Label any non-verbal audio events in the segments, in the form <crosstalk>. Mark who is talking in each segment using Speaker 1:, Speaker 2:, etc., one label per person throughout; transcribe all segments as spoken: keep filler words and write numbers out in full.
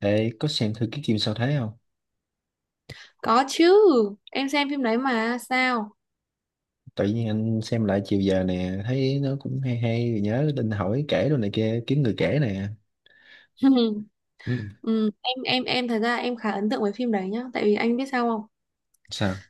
Speaker 1: Ê, có xem thử cái phim sao thế không?
Speaker 2: Có chứ, em xem phim đấy mà sao?
Speaker 1: Tự nhiên anh xem lại chiều giờ nè, thấy nó cũng hay hay, nhớ định hỏi kể đồ này kia, kiếm người kể nè.
Speaker 2: <laughs>
Speaker 1: Ừ.
Speaker 2: ừ, em em em thật ra em khá ấn tượng với phim đấy nhá, tại vì anh biết sao không?
Speaker 1: Sao?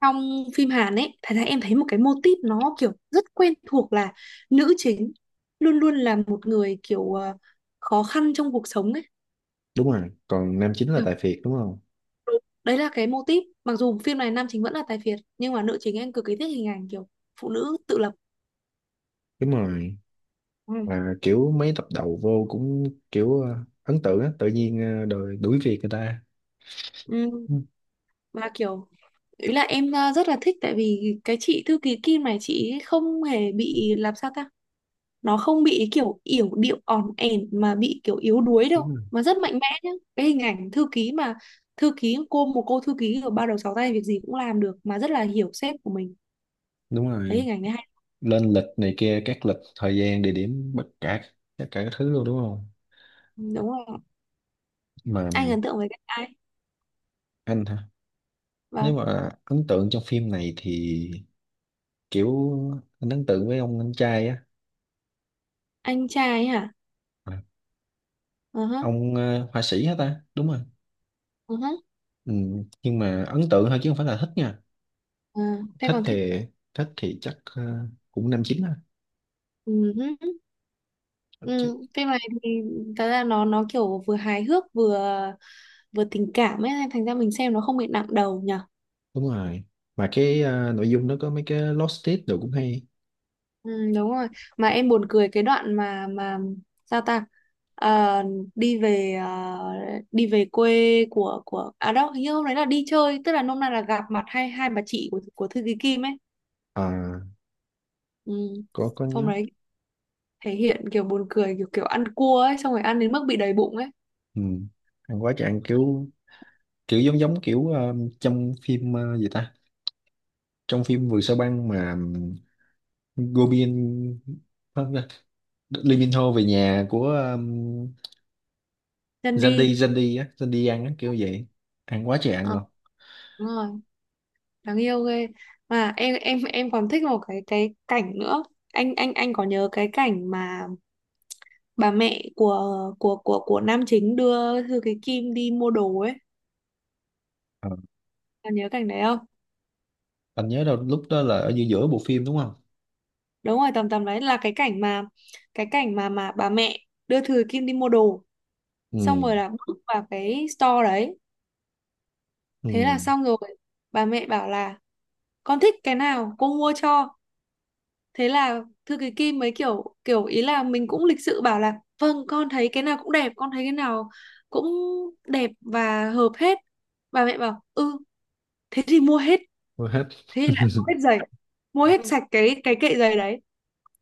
Speaker 2: Trong phim Hàn ấy, thật ra em thấy một cái mô típ nó kiểu rất quen thuộc là nữ chính luôn luôn là một người kiểu ờ, khó khăn trong cuộc sống ấy.
Speaker 1: Đúng rồi, còn nam chính là
Speaker 2: Kiểu,
Speaker 1: Tài Phiệt đúng không?
Speaker 2: đấy là cái mô típ. Mặc dù phim này nam chính vẫn là tài phiệt, nhưng mà nữ chính em cực kỳ thích hình ảnh kiểu phụ nữ tự lập.
Speaker 1: Đúng rồi,
Speaker 2: Ừ.
Speaker 1: và kiểu mấy tập đầu vô cũng kiểu ờ, ấn tượng á, tự nhiên ờ, đòi đuổi việc người ta.
Speaker 2: Ừ.
Speaker 1: Ừ,
Speaker 2: Mà kiểu ý là em ờ, rất là thích tại vì cái chị thư ký Kim này chị ấy không hề bị làm sao ta, nó không bị kiểu yểu điệu ỏn ẻn mà bị kiểu yếu đuối
Speaker 1: đúng
Speaker 2: đâu
Speaker 1: rồi.
Speaker 2: mà rất mạnh mẽ nhá, cái hình ảnh thư ký mà thư ký cô một cô thư ký ở ba đầu sáu tay việc gì cũng làm được mà rất là hiểu sếp của mình,
Speaker 1: Đúng
Speaker 2: thấy
Speaker 1: rồi,
Speaker 2: hình ảnh đấy hay.
Speaker 1: lên lịch này kia, các lịch, thời gian, địa điểm, bất cả, tất cả các thứ luôn đúng không?
Speaker 2: Ừ, đúng rồi,
Speaker 1: Mà
Speaker 2: anh ấn tượng với cái ai?
Speaker 1: anh hả? Nếu
Speaker 2: Vâng.
Speaker 1: mà ấn tượng trong phim này thì kiểu anh ấn tượng với ông anh trai á.
Speaker 2: Anh trai hả?
Speaker 1: À,
Speaker 2: Ờ hả.
Speaker 1: ông ờ, họa sĩ hả ta đúng rồi.
Speaker 2: Ờ hả.
Speaker 1: Ừ. Nhưng mà ấn tượng thôi chứ không phải là thích nha.
Speaker 2: Ờ, thế
Speaker 1: thích
Speaker 2: còn thích?
Speaker 1: thì thích thì chắc ờ, cũng năm chín á.
Speaker 2: Ừ hứ.
Speaker 1: Chứ-
Speaker 2: Ừ, phim này thì thật ra nó nó kiểu vừa hài hước vừa vừa tình cảm ấy, thành ra mình xem nó không bị nặng đầu nhở.
Speaker 1: đúng rồi. Mà cái ờ, nội dung nó có mấy cái lost tip đồ cũng hay.
Speaker 2: Ừ, đúng rồi, mà em buồn cười cái đoạn mà mà sao ta. Ờ, đi về ờ, đi về quê của của à đâu, hình như hôm đấy là đi chơi, tức là hôm nay là gặp mặt hai hai bà chị của của thư ký Kim ấy.
Speaker 1: À,
Speaker 2: Ừ.
Speaker 1: có có
Speaker 2: Hôm
Speaker 1: nhớ.
Speaker 2: đấy thể hiện kiểu buồn cười, kiểu kiểu ăn cua ấy, xong rồi ăn đến mức bị đầy bụng ấy.
Speaker 1: Ừ. Ăn quá trời ăn kiểu kiểu giống giống kiểu ờ, trong phim ờ, gì ta, trong phim Vườn Sao Băng mà um, Gobin, không, Liên Minh Hô về nhà của
Speaker 2: Chân
Speaker 1: dân
Speaker 2: đi.
Speaker 1: đi dân đi á dân đi ăn á kiểu vậy. Ăn quá trời ăn
Speaker 2: Ờ,
Speaker 1: luôn.
Speaker 2: đúng rồi, đáng yêu ghê. Mà em em em còn thích một cái cái cảnh nữa, anh anh anh có nhớ cái cảnh mà bà mẹ của của của của nam chính đưa Thư Cái Kim đi mua đồ ấy?
Speaker 1: Ờ.
Speaker 2: Bà nhớ cảnh đấy không?
Speaker 1: Anh nhớ đâu lúc đó là ở giữa giữa bộ phim đúng không.
Speaker 2: Đúng rồi, tầm tầm đấy là cái cảnh mà cái cảnh mà mà bà mẹ đưa Thư Cái Kim đi mua đồ,
Speaker 1: Ừ,
Speaker 2: xong rồi là bước vào cái store đấy,
Speaker 1: ừ,
Speaker 2: thế là xong rồi bà mẹ bảo là con thích cái nào cô mua cho. Thế là Thư Cái Kim mới kiểu kiểu ý là mình cũng lịch sự bảo là vâng con thấy cái nào cũng đẹp, con thấy cái nào cũng đẹp và hợp hết. Bà mẹ bảo ừ, thế thì mua hết.
Speaker 1: mua hết.
Speaker 2: Thế thì lại mua
Speaker 1: <laughs>
Speaker 2: hết giày, mua hết. Ừ. Sạch cái cái kệ giày đấy.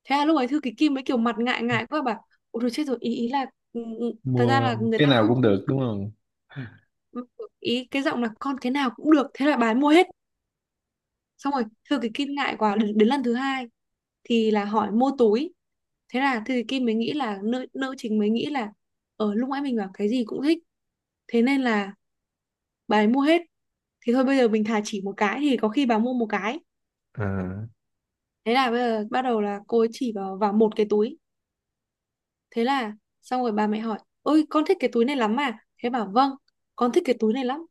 Speaker 2: Thế là lúc ấy Thư Ký Kim mới kiểu mặt ngại ngại quá bảo ôi rồi chết rồi, ý ý là ừ, ừ, thật ra
Speaker 1: Mua
Speaker 2: là người
Speaker 1: cái
Speaker 2: ta
Speaker 1: nào cũng
Speaker 2: không.
Speaker 1: được đúng không?
Speaker 2: <laughs> Ý cái giọng là con cái nào cũng được, thế là bà ấy mua hết. Xong rồi Thư Ký Kim ngại quá, đến, đến lần thứ hai thì là hỏi mua túi. Thế là Thư Ký Kim mới nghĩ là nữ nữ chính mới nghĩ là ở lúc nãy mình bảo cái gì cũng thích, thế nên là bà ấy mua hết, thì thôi bây giờ mình thà chỉ một cái thì có khi bà mua một cái.
Speaker 1: À,
Speaker 2: Thế là bây giờ bắt đầu là cô ấy chỉ vào vào một cái túi. Thế là xong rồi bà mẹ hỏi ôi con thích cái túi này lắm à. Thế bảo vâng con thích cái túi này lắm.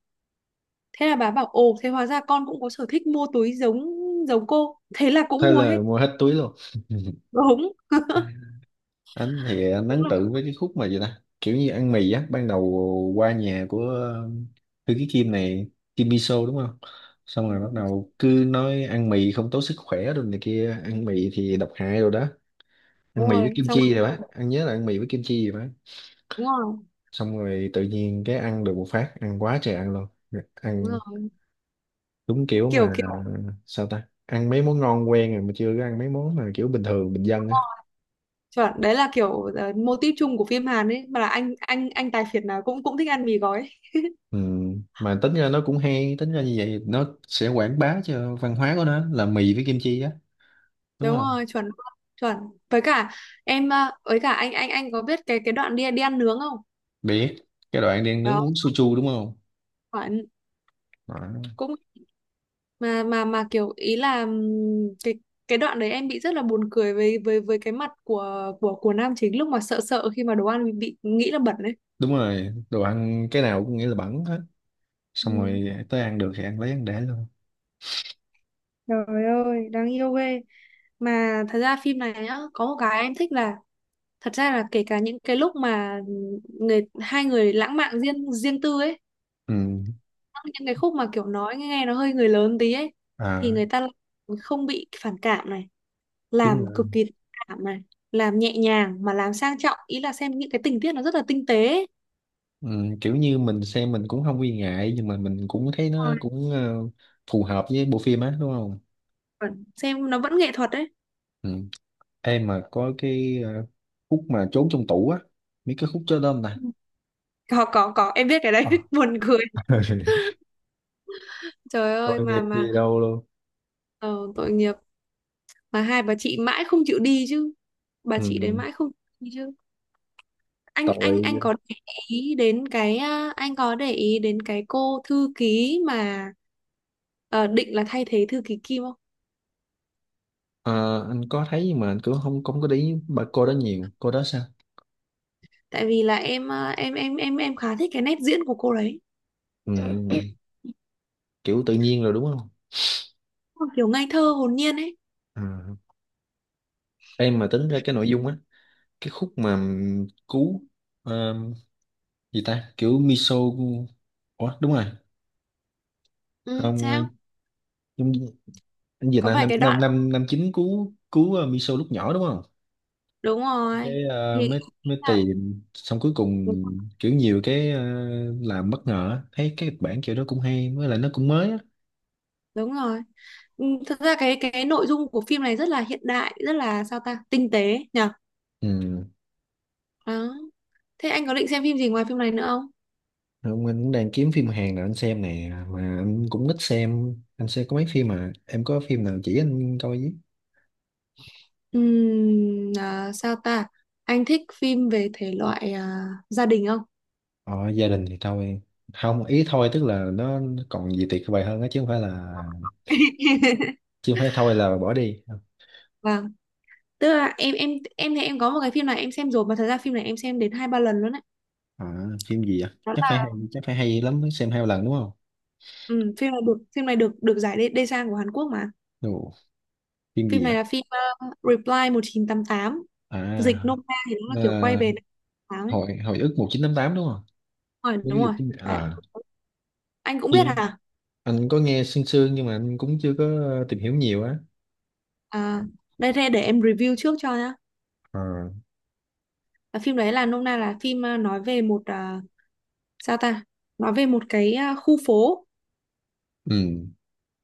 Speaker 2: Thế là bà bảo ồ thế hóa ra con cũng có sở thích mua túi giống giống cô. Thế là cũng
Speaker 1: thế
Speaker 2: mua hết.
Speaker 1: là mua hết túi luôn.
Speaker 2: Đúng. <laughs>
Speaker 1: <laughs> Anh thì anh
Speaker 2: Đúng
Speaker 1: ấn
Speaker 2: là
Speaker 1: tượng với cái khúc mà vậy ta, kiểu như ăn mì á, ban đầu qua nhà của ờ, thư ký Kim này, Kim Miso đúng không. Xong rồi bắt đầu cứ nói ăn mì không tốt sức khỏe rồi này kia, ăn mì thì độc hại rồi đó,
Speaker 2: đúng
Speaker 1: ăn mì với
Speaker 2: rồi,
Speaker 1: kim
Speaker 2: xong
Speaker 1: chi
Speaker 2: rồi
Speaker 1: rồi bác ăn, nhớ là ăn mì với kim chi rồi bác.
Speaker 2: đúng rồi
Speaker 1: Xong rồi tự nhiên cái ăn được một phát ăn quá trời ăn luôn. Ăn
Speaker 2: đúng rồi
Speaker 1: đúng kiểu
Speaker 2: kiểu
Speaker 1: mà,
Speaker 2: kiểu
Speaker 1: sao ta, ăn mấy món ngon quen rồi mà chưa có ăn mấy món mà kiểu bình thường bình dân á.
Speaker 2: chuẩn, đấy là kiểu uh, mô típ chung của phim Hàn ấy mà, là anh anh anh tài phiệt nào cũng cũng thích ăn mì gói ấy.
Speaker 1: Ừ. Mà tính ra nó cũng hay, tính ra như vậy nó sẽ quảng bá cho văn hóa của nó là mì với kim chi á, đúng
Speaker 2: Đúng
Speaker 1: không.
Speaker 2: rồi, chuẩn chuẩn, với cả em uh, với cả anh anh anh có biết cái cái đoạn đi đi ăn nướng không?
Speaker 1: Biết cái đoạn đi ăn nướng
Speaker 2: Đó,
Speaker 1: uống soju đúng không.
Speaker 2: chuẩn.
Speaker 1: Đó.
Speaker 2: Cũng mà mà mà kiểu ý là ừm, cái cái đoạn đấy em bị rất là buồn cười với với với cái mặt của của của nam chính lúc mà sợ, sợ khi mà đồ ăn bị, bị nghĩ là bẩn đấy.
Speaker 1: Đúng rồi, đồ ăn cái nào cũng nghĩ là bẩn hết, xong
Speaker 2: Ừ.
Speaker 1: rồi tới ăn được thì ăn lấy ăn để luôn.
Speaker 2: Trời ơi, đáng yêu ghê. Mà thật ra phim này nhá có một cái em thích là thật ra là kể cả những cái lúc mà người hai người lãng mạn riêng riêng tư ấy,
Speaker 1: Ừ,
Speaker 2: những cái khúc mà kiểu nói nghe nó hơi người lớn tí ấy, thì
Speaker 1: à
Speaker 2: người ta lại không bị phản cảm này,
Speaker 1: đúng
Speaker 2: làm cực
Speaker 1: rồi.
Speaker 2: kỳ cảm này, làm nhẹ nhàng mà làm sang trọng, ý là xem những cái tình tiết nó rất là tinh tế ấy.
Speaker 1: Ừ, kiểu như mình xem mình cũng không nghi ngại nhưng mà mình cũng thấy nó
Speaker 2: Rồi,
Speaker 1: cũng ờ, phù hợp với bộ phim á đúng không?
Speaker 2: còn xem nó vẫn nghệ thuật đấy.
Speaker 1: Ừ. Em mà có cái ờ, khúc mà trốn trong tủ á, mấy cái khúc chó đơm nè.
Speaker 2: Có có có em biết cái đấy
Speaker 1: Ờ.
Speaker 2: <laughs> buồn cười.
Speaker 1: <laughs>
Speaker 2: Trời
Speaker 1: Tội
Speaker 2: ơi
Speaker 1: nghiệp
Speaker 2: mà mà
Speaker 1: gì đâu luôn.
Speaker 2: ờ, tội nghiệp. Mà hai bà chị mãi không chịu đi chứ, bà chị đấy
Speaker 1: Ừ.
Speaker 2: mãi không chịu đi chứ. anh anh
Speaker 1: Tội gì
Speaker 2: anh
Speaker 1: đâu.
Speaker 2: có để ý đến cái à, anh có để ý đến cái cô thư ký mà ờ, định là thay thế thư ký Kim không?
Speaker 1: Ờ, anh có thấy nhưng mà anh cũng không không có để ý bà cô đó nhiều, cô đó sao?
Speaker 2: Tại vì là em à, em em em em khá thích cái nét diễn của cô đấy.
Speaker 1: Ừ. Kiểu tự nhiên rồi đúng không?
Speaker 2: Ôi, kiểu ngây thơ hồn nhiên ấy.
Speaker 1: Ừ. Em mà tính ra cái nội dung á, cái khúc mà ừm, cứu ờ, gì ta? Kiểu miso. Ủa đúng rồi,
Speaker 2: Ừ,
Speaker 1: không ờ,
Speaker 2: sao?
Speaker 1: giống như-, anh Việt
Speaker 2: Có
Speaker 1: là
Speaker 2: phải
Speaker 1: năm
Speaker 2: cái
Speaker 1: năm
Speaker 2: đoạn
Speaker 1: năm năm chín cứu cứu ờ, Miso lúc nhỏ đúng không?
Speaker 2: đúng rồi
Speaker 1: Cái ờ,
Speaker 2: thì
Speaker 1: mới mới tìm xong cuối
Speaker 2: đúng
Speaker 1: cùng, kiểu nhiều cái ờ, làm bất ngờ á. Thấy cái kịch bản kiểu đó cũng hay với lại nó cũng mới á.
Speaker 2: đúng rồi. Ừ, thật ra cái cái nội dung của phim này rất là hiện đại, rất là sao ta tinh tế nhở.
Speaker 1: Ừ.
Speaker 2: Đó, thế anh có định xem phim gì ngoài phim này nữa không?
Speaker 1: Không, anh cũng đang kiếm phim Hàn nào anh xem nè, mà anh cũng thích xem, anh xem có mấy phim mà em có phim nào chỉ anh coi với.
Speaker 2: Ừm, à, sao ta, anh thích phim về thể loại à, gia đình không?
Speaker 1: Ờ, gia đình thì thôi, không ý thôi tức là nó còn gì tuyệt vời hơn á, chứ không phải là,
Speaker 2: <laughs>
Speaker 1: chứ không phải thôi là bỏ đi.
Speaker 2: Vâng, tức là em em em thì em có một cái phim này em xem rồi, mà thật ra phim này em xem đến hai ba lần luôn đấy.
Speaker 1: À, phim gì ạ?
Speaker 2: Đó
Speaker 1: Chắc phải
Speaker 2: là
Speaker 1: hay, chắc phải hay lắm mới xem hai lần đúng không?
Speaker 2: ừ, phim này được phim này được được giải đê, đê sang của Hàn Quốc mà.
Speaker 1: Ồ, phim
Speaker 2: Phim
Speaker 1: gì
Speaker 2: này là
Speaker 1: ạ?
Speaker 2: phim ờ, Reply một chín tám tám, dịch
Speaker 1: À,
Speaker 2: nôm na thì nó là kiểu quay
Speaker 1: ờ,
Speaker 2: về tám mươi tám ấy.
Speaker 1: hồi hồi ức một chín tám tám đúng không?
Speaker 2: Đúng rồi đúng
Speaker 1: Với dịch
Speaker 2: rồi.
Speaker 1: tiếng Việt.
Speaker 2: Đấy,
Speaker 1: À,
Speaker 2: anh cũng biết
Speaker 1: phim
Speaker 2: hả.
Speaker 1: anh có nghe sương sương nhưng mà anh cũng chưa có tìm hiểu nhiều á.
Speaker 2: À, đây đây để em review trước cho nhá.
Speaker 1: À.
Speaker 2: Là phim đấy là nôm na là phim ờ, nói về một ờ, sao ta, nói về một cái ờ, khu phố,
Speaker 1: Ừ,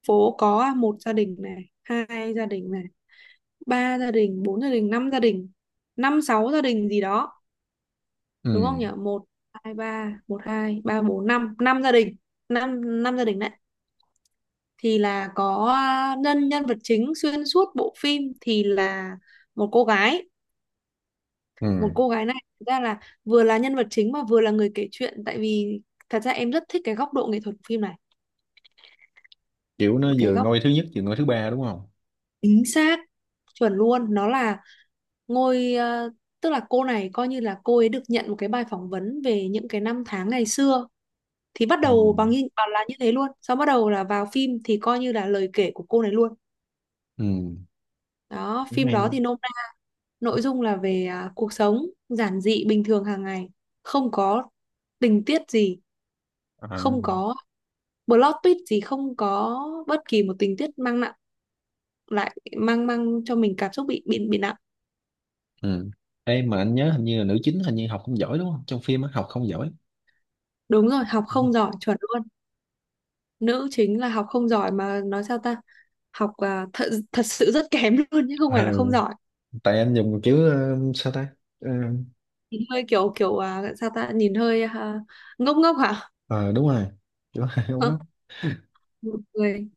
Speaker 2: phố có một gia đình này, hai gia đình này, ba gia đình, bốn gia đình, năm gia đình, năm sáu gia đình gì đó, đúng không
Speaker 1: ừ,
Speaker 2: nhỉ, một hai ba, một hai ba bốn năm, năm gia đình, năm năm gia đình đấy. Thì là có à, nhân nhân vật chính xuyên suốt bộ phim thì là một cô gái. Một
Speaker 1: ừ.
Speaker 2: cô gái này thực ra là vừa là nhân vật chính mà vừa là người kể chuyện, tại vì thật ra em rất thích cái góc độ nghệ thuật của phim này.
Speaker 1: Kiểu nó
Speaker 2: Cái
Speaker 1: vừa
Speaker 2: góc
Speaker 1: ngôi thứ nhất vừa ngôi thứ ba đúng không?
Speaker 2: chính xác, chuẩn luôn, nó là ngôi ờ, tức là cô này coi như là cô ấy được nhận một cái bài phỏng vấn về những cái năm tháng ngày xưa, thì bắt
Speaker 1: Ừ,
Speaker 2: đầu bằng như bảo là như thế luôn, sau bắt đầu là vào phim thì coi như là lời kể của cô này luôn.
Speaker 1: ừ.
Speaker 2: Đó
Speaker 1: Cũng
Speaker 2: phim
Speaker 1: hay.
Speaker 2: đó thì nôm na nội dung là về à, cuộc sống giản dị bình thường hàng ngày, không có tình tiết gì,
Speaker 1: À,
Speaker 2: không có plot twist gì, không có bất kỳ một tình tiết mang nặng, lại mang mang cho mình cảm xúc bị bị bị nặng.
Speaker 1: ừ. Ê, mà anh nhớ hình như là nữ chính hình như học không giỏi đúng không? Trong phim á, học không giỏi.
Speaker 2: Đúng rồi, học
Speaker 1: Đúng không?
Speaker 2: không giỏi chuẩn luôn, nữ chính là học không giỏi mà nói sao ta, học à, thật thật sự rất kém luôn chứ không phải là
Speaker 1: Ờ,
Speaker 2: không giỏi.
Speaker 1: tại anh dùng kiểu ờ, sao ta? Ờ,
Speaker 2: Nhìn hơi kiểu kiểu à, sao ta, nhìn hơi à, ngốc ngốc hả.
Speaker 1: ờ đúng rồi, chỗ hai ông
Speaker 2: <laughs>
Speaker 1: nhóc.
Speaker 2: Một người,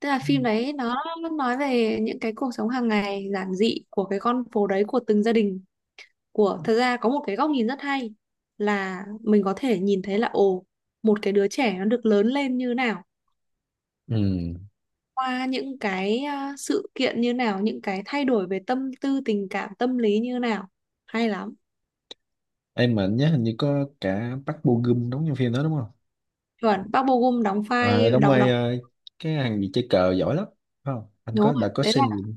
Speaker 2: tức là phim
Speaker 1: <laughs>
Speaker 2: đấy nó nói về những cái cuộc sống hàng ngày giản dị của cái con phố đấy, của từng gia đình, của thật ra có một cái góc nhìn rất hay là mình có thể nhìn thấy là ồ một cái đứa trẻ nó được lớn lên như nào,
Speaker 1: Ừ,
Speaker 2: qua những cái à, sự kiện như nào, những cái thay đổi về tâm tư tình cảm tâm lý như nào, hay lắm.
Speaker 1: em mà nhớ hình như có cả Park Bo Gum đóng trong phim đó đúng không.
Speaker 2: Chuẩn, Park Bo Gum đóng
Speaker 1: À,
Speaker 2: vai
Speaker 1: đóng
Speaker 2: đóng
Speaker 1: vai
Speaker 2: đóng
Speaker 1: ờ, cái thằng gì chơi cờ giỏi lắm, phải không, anh
Speaker 2: đúng
Speaker 1: có
Speaker 2: không
Speaker 1: đã
Speaker 2: ạ?
Speaker 1: có
Speaker 2: Đấy
Speaker 1: xem
Speaker 2: là
Speaker 1: gì.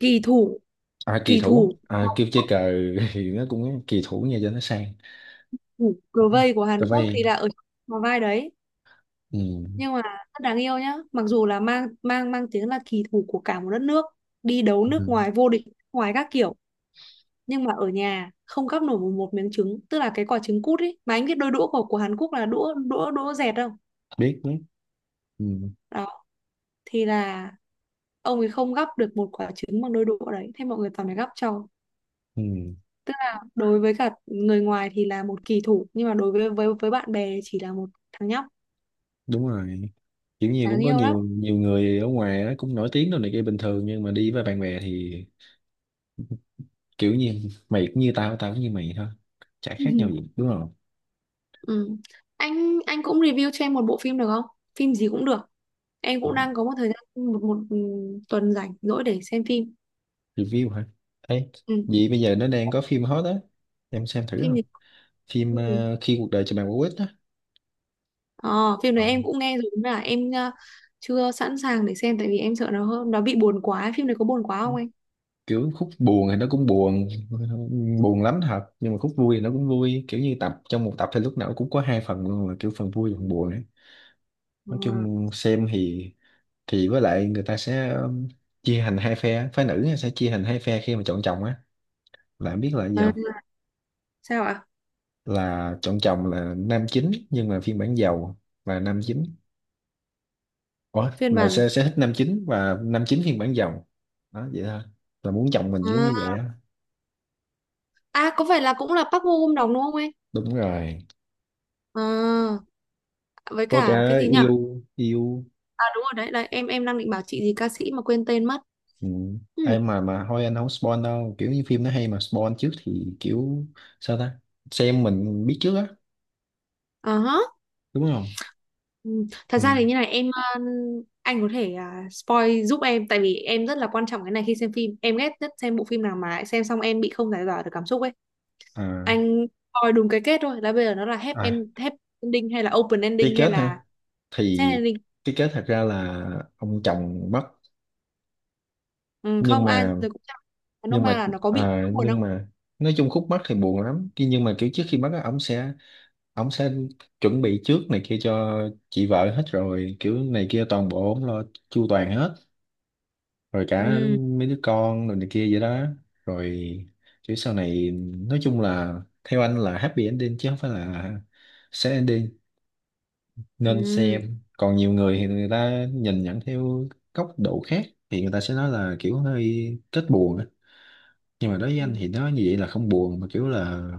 Speaker 2: kỳ thủ,
Speaker 1: À, kỳ
Speaker 2: kỳ thủ,
Speaker 1: thủ, à, kêu chơi cờ. <laughs> Thì nó cũng kỳ thủ nha cho nó sang.
Speaker 2: thủ cờ vây của Hàn
Speaker 1: Tờ
Speaker 2: Quốc
Speaker 1: vay.
Speaker 2: thì là ở trong vai đấy.
Speaker 1: Ừ.
Speaker 2: Nhưng mà rất đáng yêu nhá, mặc dù là mang mang mang tiếng là kỳ thủ của cả một đất nước, đi đấu nước
Speaker 1: Ừ.
Speaker 2: ngoài vô địch nước ngoài các kiểu, nhưng mà ở nhà không gắp nổi một, một miếng trứng, tức là cái quả trứng cút ấy. Mà anh biết đôi đũa của của Hàn Quốc là đũa đũa đũa dẹt không?
Speaker 1: biết biết. Ừ.
Speaker 2: Đó, thì là ông ấy không gắp được một quả trứng bằng đôi đũa đấy, thế mọi người toàn phải gắp cho.
Speaker 1: Ừ.
Speaker 2: Tức là đối với cả người ngoài thì là một kỳ thủ, nhưng mà đối với với với bạn bè chỉ là một thằng nhóc.
Speaker 1: Đúng rồi, kiểu như cũng
Speaker 2: Đáng
Speaker 1: có
Speaker 2: yêu lắm.
Speaker 1: nhiều nhiều người ở ngoài á, cũng nổi tiếng đâu này kia bình thường nhưng mà đi với bạn bè thì kiểu như mày cũng như tao, tao cũng như mày thôi, chả khác nhau
Speaker 2: <laughs>
Speaker 1: gì đúng không.
Speaker 2: Ừ. Anh anh cũng review cho em một bộ phim được không? Phim gì cũng được. Em cũng đang có một thời gian một một ừ, tuần rảnh rỗi để xem phim.
Speaker 1: Review hả? Ấy,
Speaker 2: Ừ,
Speaker 1: vậy bây giờ nó đang có phim hot á, em xem thử
Speaker 2: phim
Speaker 1: không?
Speaker 2: gì?
Speaker 1: Phim
Speaker 2: Ừ.
Speaker 1: ờ, khi cuộc đời cho bạn quả quýt á.
Speaker 2: Ờ, phim
Speaker 1: Ờ,
Speaker 2: này em cũng nghe rồi nhưng mà em ờ, chưa sẵn sàng để xem, tại vì em sợ nó hơn, nó bị buồn quá. Phim này có buồn quá không anh?
Speaker 1: kiểu khúc buồn thì nó cũng buồn, buồn lắm thật, nhưng mà khúc vui thì nó cũng vui, kiểu như tập trong một tập thì lúc nào cũng có hai phần luôn, là kiểu phần vui và phần buồn ấy.
Speaker 2: Ờ.
Speaker 1: Nói chung xem thì thì với lại người ta sẽ um, chia thành hai phe phái, nữ sẽ chia thành hai phe khi mà chọn chồng á, là em biết là cái gì
Speaker 2: À,
Speaker 1: không?
Speaker 2: sao ạ?
Speaker 1: Là chọn chồng là nam chính nhưng mà phiên bản giàu, là nam chính. Ủa,
Speaker 2: Phiên
Speaker 1: là
Speaker 2: bản
Speaker 1: sẽ sẽ thích nam chính và nam chính phiên bản giàu, đó vậy thôi, là muốn chồng mình giống như
Speaker 2: à,
Speaker 1: vậy á.
Speaker 2: à có phải là cũng là Park Bo Gum đóng đúng không anh?
Speaker 1: Đúng rồi.
Speaker 2: À, với
Speaker 1: Có
Speaker 2: cả cái
Speaker 1: cả
Speaker 2: gì nhỉ?
Speaker 1: yêu yêu.
Speaker 2: À đúng rồi đấy, đấy em em đang định bảo chị gì ca sĩ mà quên tên mất.
Speaker 1: Ừ.
Speaker 2: Ừ.
Speaker 1: Ai mà mà thôi anh không spoil đâu, kiểu như phim nó hay mà spoil trước thì kiểu, sao ta, xem mình biết trước á
Speaker 2: Ờ hả.
Speaker 1: đúng không.
Speaker 2: Ừ. Thật
Speaker 1: Ừ.
Speaker 2: ra thì như này em ờ, anh có thể à, spoil giúp em, tại vì em rất là quan trọng cái này, khi xem phim em ghét nhất xem bộ phim nào mà xem xong em bị không giải tỏa được cảm xúc ấy.
Speaker 1: À,
Speaker 2: Anh coi đúng cái kết thôi, là bây giờ nó là happy, em
Speaker 1: à,
Speaker 2: happy ending hay là open
Speaker 1: cái
Speaker 2: ending hay
Speaker 1: kết
Speaker 2: là
Speaker 1: ha,
Speaker 2: sad
Speaker 1: thì
Speaker 2: ending?
Speaker 1: cái kết thật ra là ông chồng mất,
Speaker 2: Ừ,
Speaker 1: nhưng
Speaker 2: không ai
Speaker 1: mà
Speaker 2: rồi cũng chẳng, nó
Speaker 1: nhưng
Speaker 2: mà
Speaker 1: mà
Speaker 2: là nó có bị
Speaker 1: à,
Speaker 2: buồn
Speaker 1: nhưng
Speaker 2: không?
Speaker 1: mà nói chung khúc mắc thì buồn lắm. Ki- nhưng mà kiểu trước khi mất á, ổng sẽ ổng sẽ chuẩn bị trước này kia cho chị vợ hết rồi, kiểu này kia toàn bộ ổng lo chu toàn hết, rồi cả
Speaker 2: Ừ,
Speaker 1: mấy đứa con rồi này kia vậy đó, rồi kiểu sau này, nói chung là theo anh là happy ending chứ không phải là sad ending nên
Speaker 2: ừ,
Speaker 1: xem. Còn nhiều người thì người ta nhìn nhận theo góc độ khác thì người ta sẽ nói là kiểu hơi kết buồn á, nhưng mà đối với
Speaker 2: ừ.
Speaker 1: anh thì nó như vậy là không buồn mà kiểu là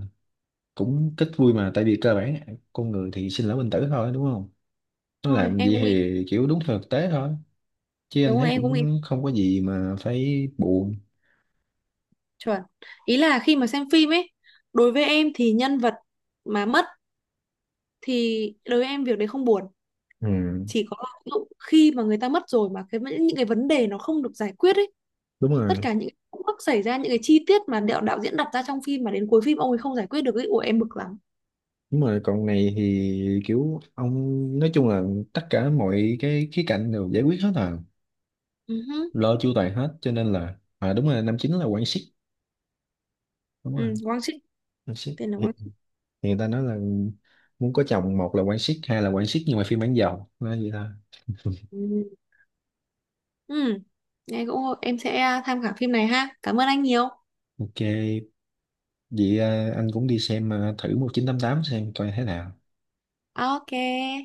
Speaker 1: cũng ít vui, mà tại vì cơ bản con người thì sinh lão bệnh tử thôi đúng không, nó
Speaker 2: Đúng rồi
Speaker 1: làm
Speaker 2: em
Speaker 1: vậy
Speaker 2: cũng nghĩ,
Speaker 1: thì kiểu đúng theo thực tế thôi, chứ anh
Speaker 2: đúng rồi
Speaker 1: thấy
Speaker 2: em cũng nghĩ,
Speaker 1: cũng không có gì mà phải buồn.
Speaker 2: chuẩn, ý là khi mà xem phim ấy, đối với em thì nhân vật mà mất thì đối với em việc đấy không buồn.
Speaker 1: Ừ,
Speaker 2: Chỉ có áp dụng khi mà người ta mất rồi mà cái những cái vấn đề nó không được giải quyết ấy,
Speaker 1: đúng rồi,
Speaker 2: tất cả những cái khúc mắc xảy ra, những cái chi tiết mà đạo đạo diễn đặt ra trong phim mà đến cuối phim ông ấy không giải quyết được ấy, ủa em bực lắm.
Speaker 1: đúng rồi. Còn này thì kiểu ông, nói chung là tất cả mọi cái khía cạnh đều giải quyết hết à,
Speaker 2: Ừ, hứ.
Speaker 1: lo chu toàn hết. Cho nên là à đúng rồi, năm chín là quan siết, đúng
Speaker 2: Ừ,
Speaker 1: rồi,
Speaker 2: Quang Trinh.
Speaker 1: quan siết.
Speaker 2: Tên là
Speaker 1: Hiện,
Speaker 2: Quang
Speaker 1: hiện
Speaker 2: Trinh.
Speaker 1: người ta nói là muốn có chồng một là quan siết, hai là quan siết nhưng mà phiên bản giàu, nói vậy thôi.
Speaker 2: Ừ. Ừ. Nghe cũng, em sẽ tham khảo phim này ha, cảm ơn anh nhiều.
Speaker 1: Ok, vậy à, anh cũng đi xem à, thử một nghìn chín trăm tám mươi tám xem coi thế nào.
Speaker 2: OK,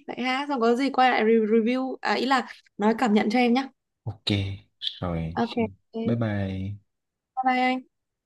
Speaker 2: vậy ha xong có gì quay lại re- review à ý là nói cảm nhận cho em nhá.
Speaker 1: Ok, rồi,
Speaker 2: OK. OK
Speaker 1: bye
Speaker 2: bye.
Speaker 1: bye.
Speaker 2: Bye anh.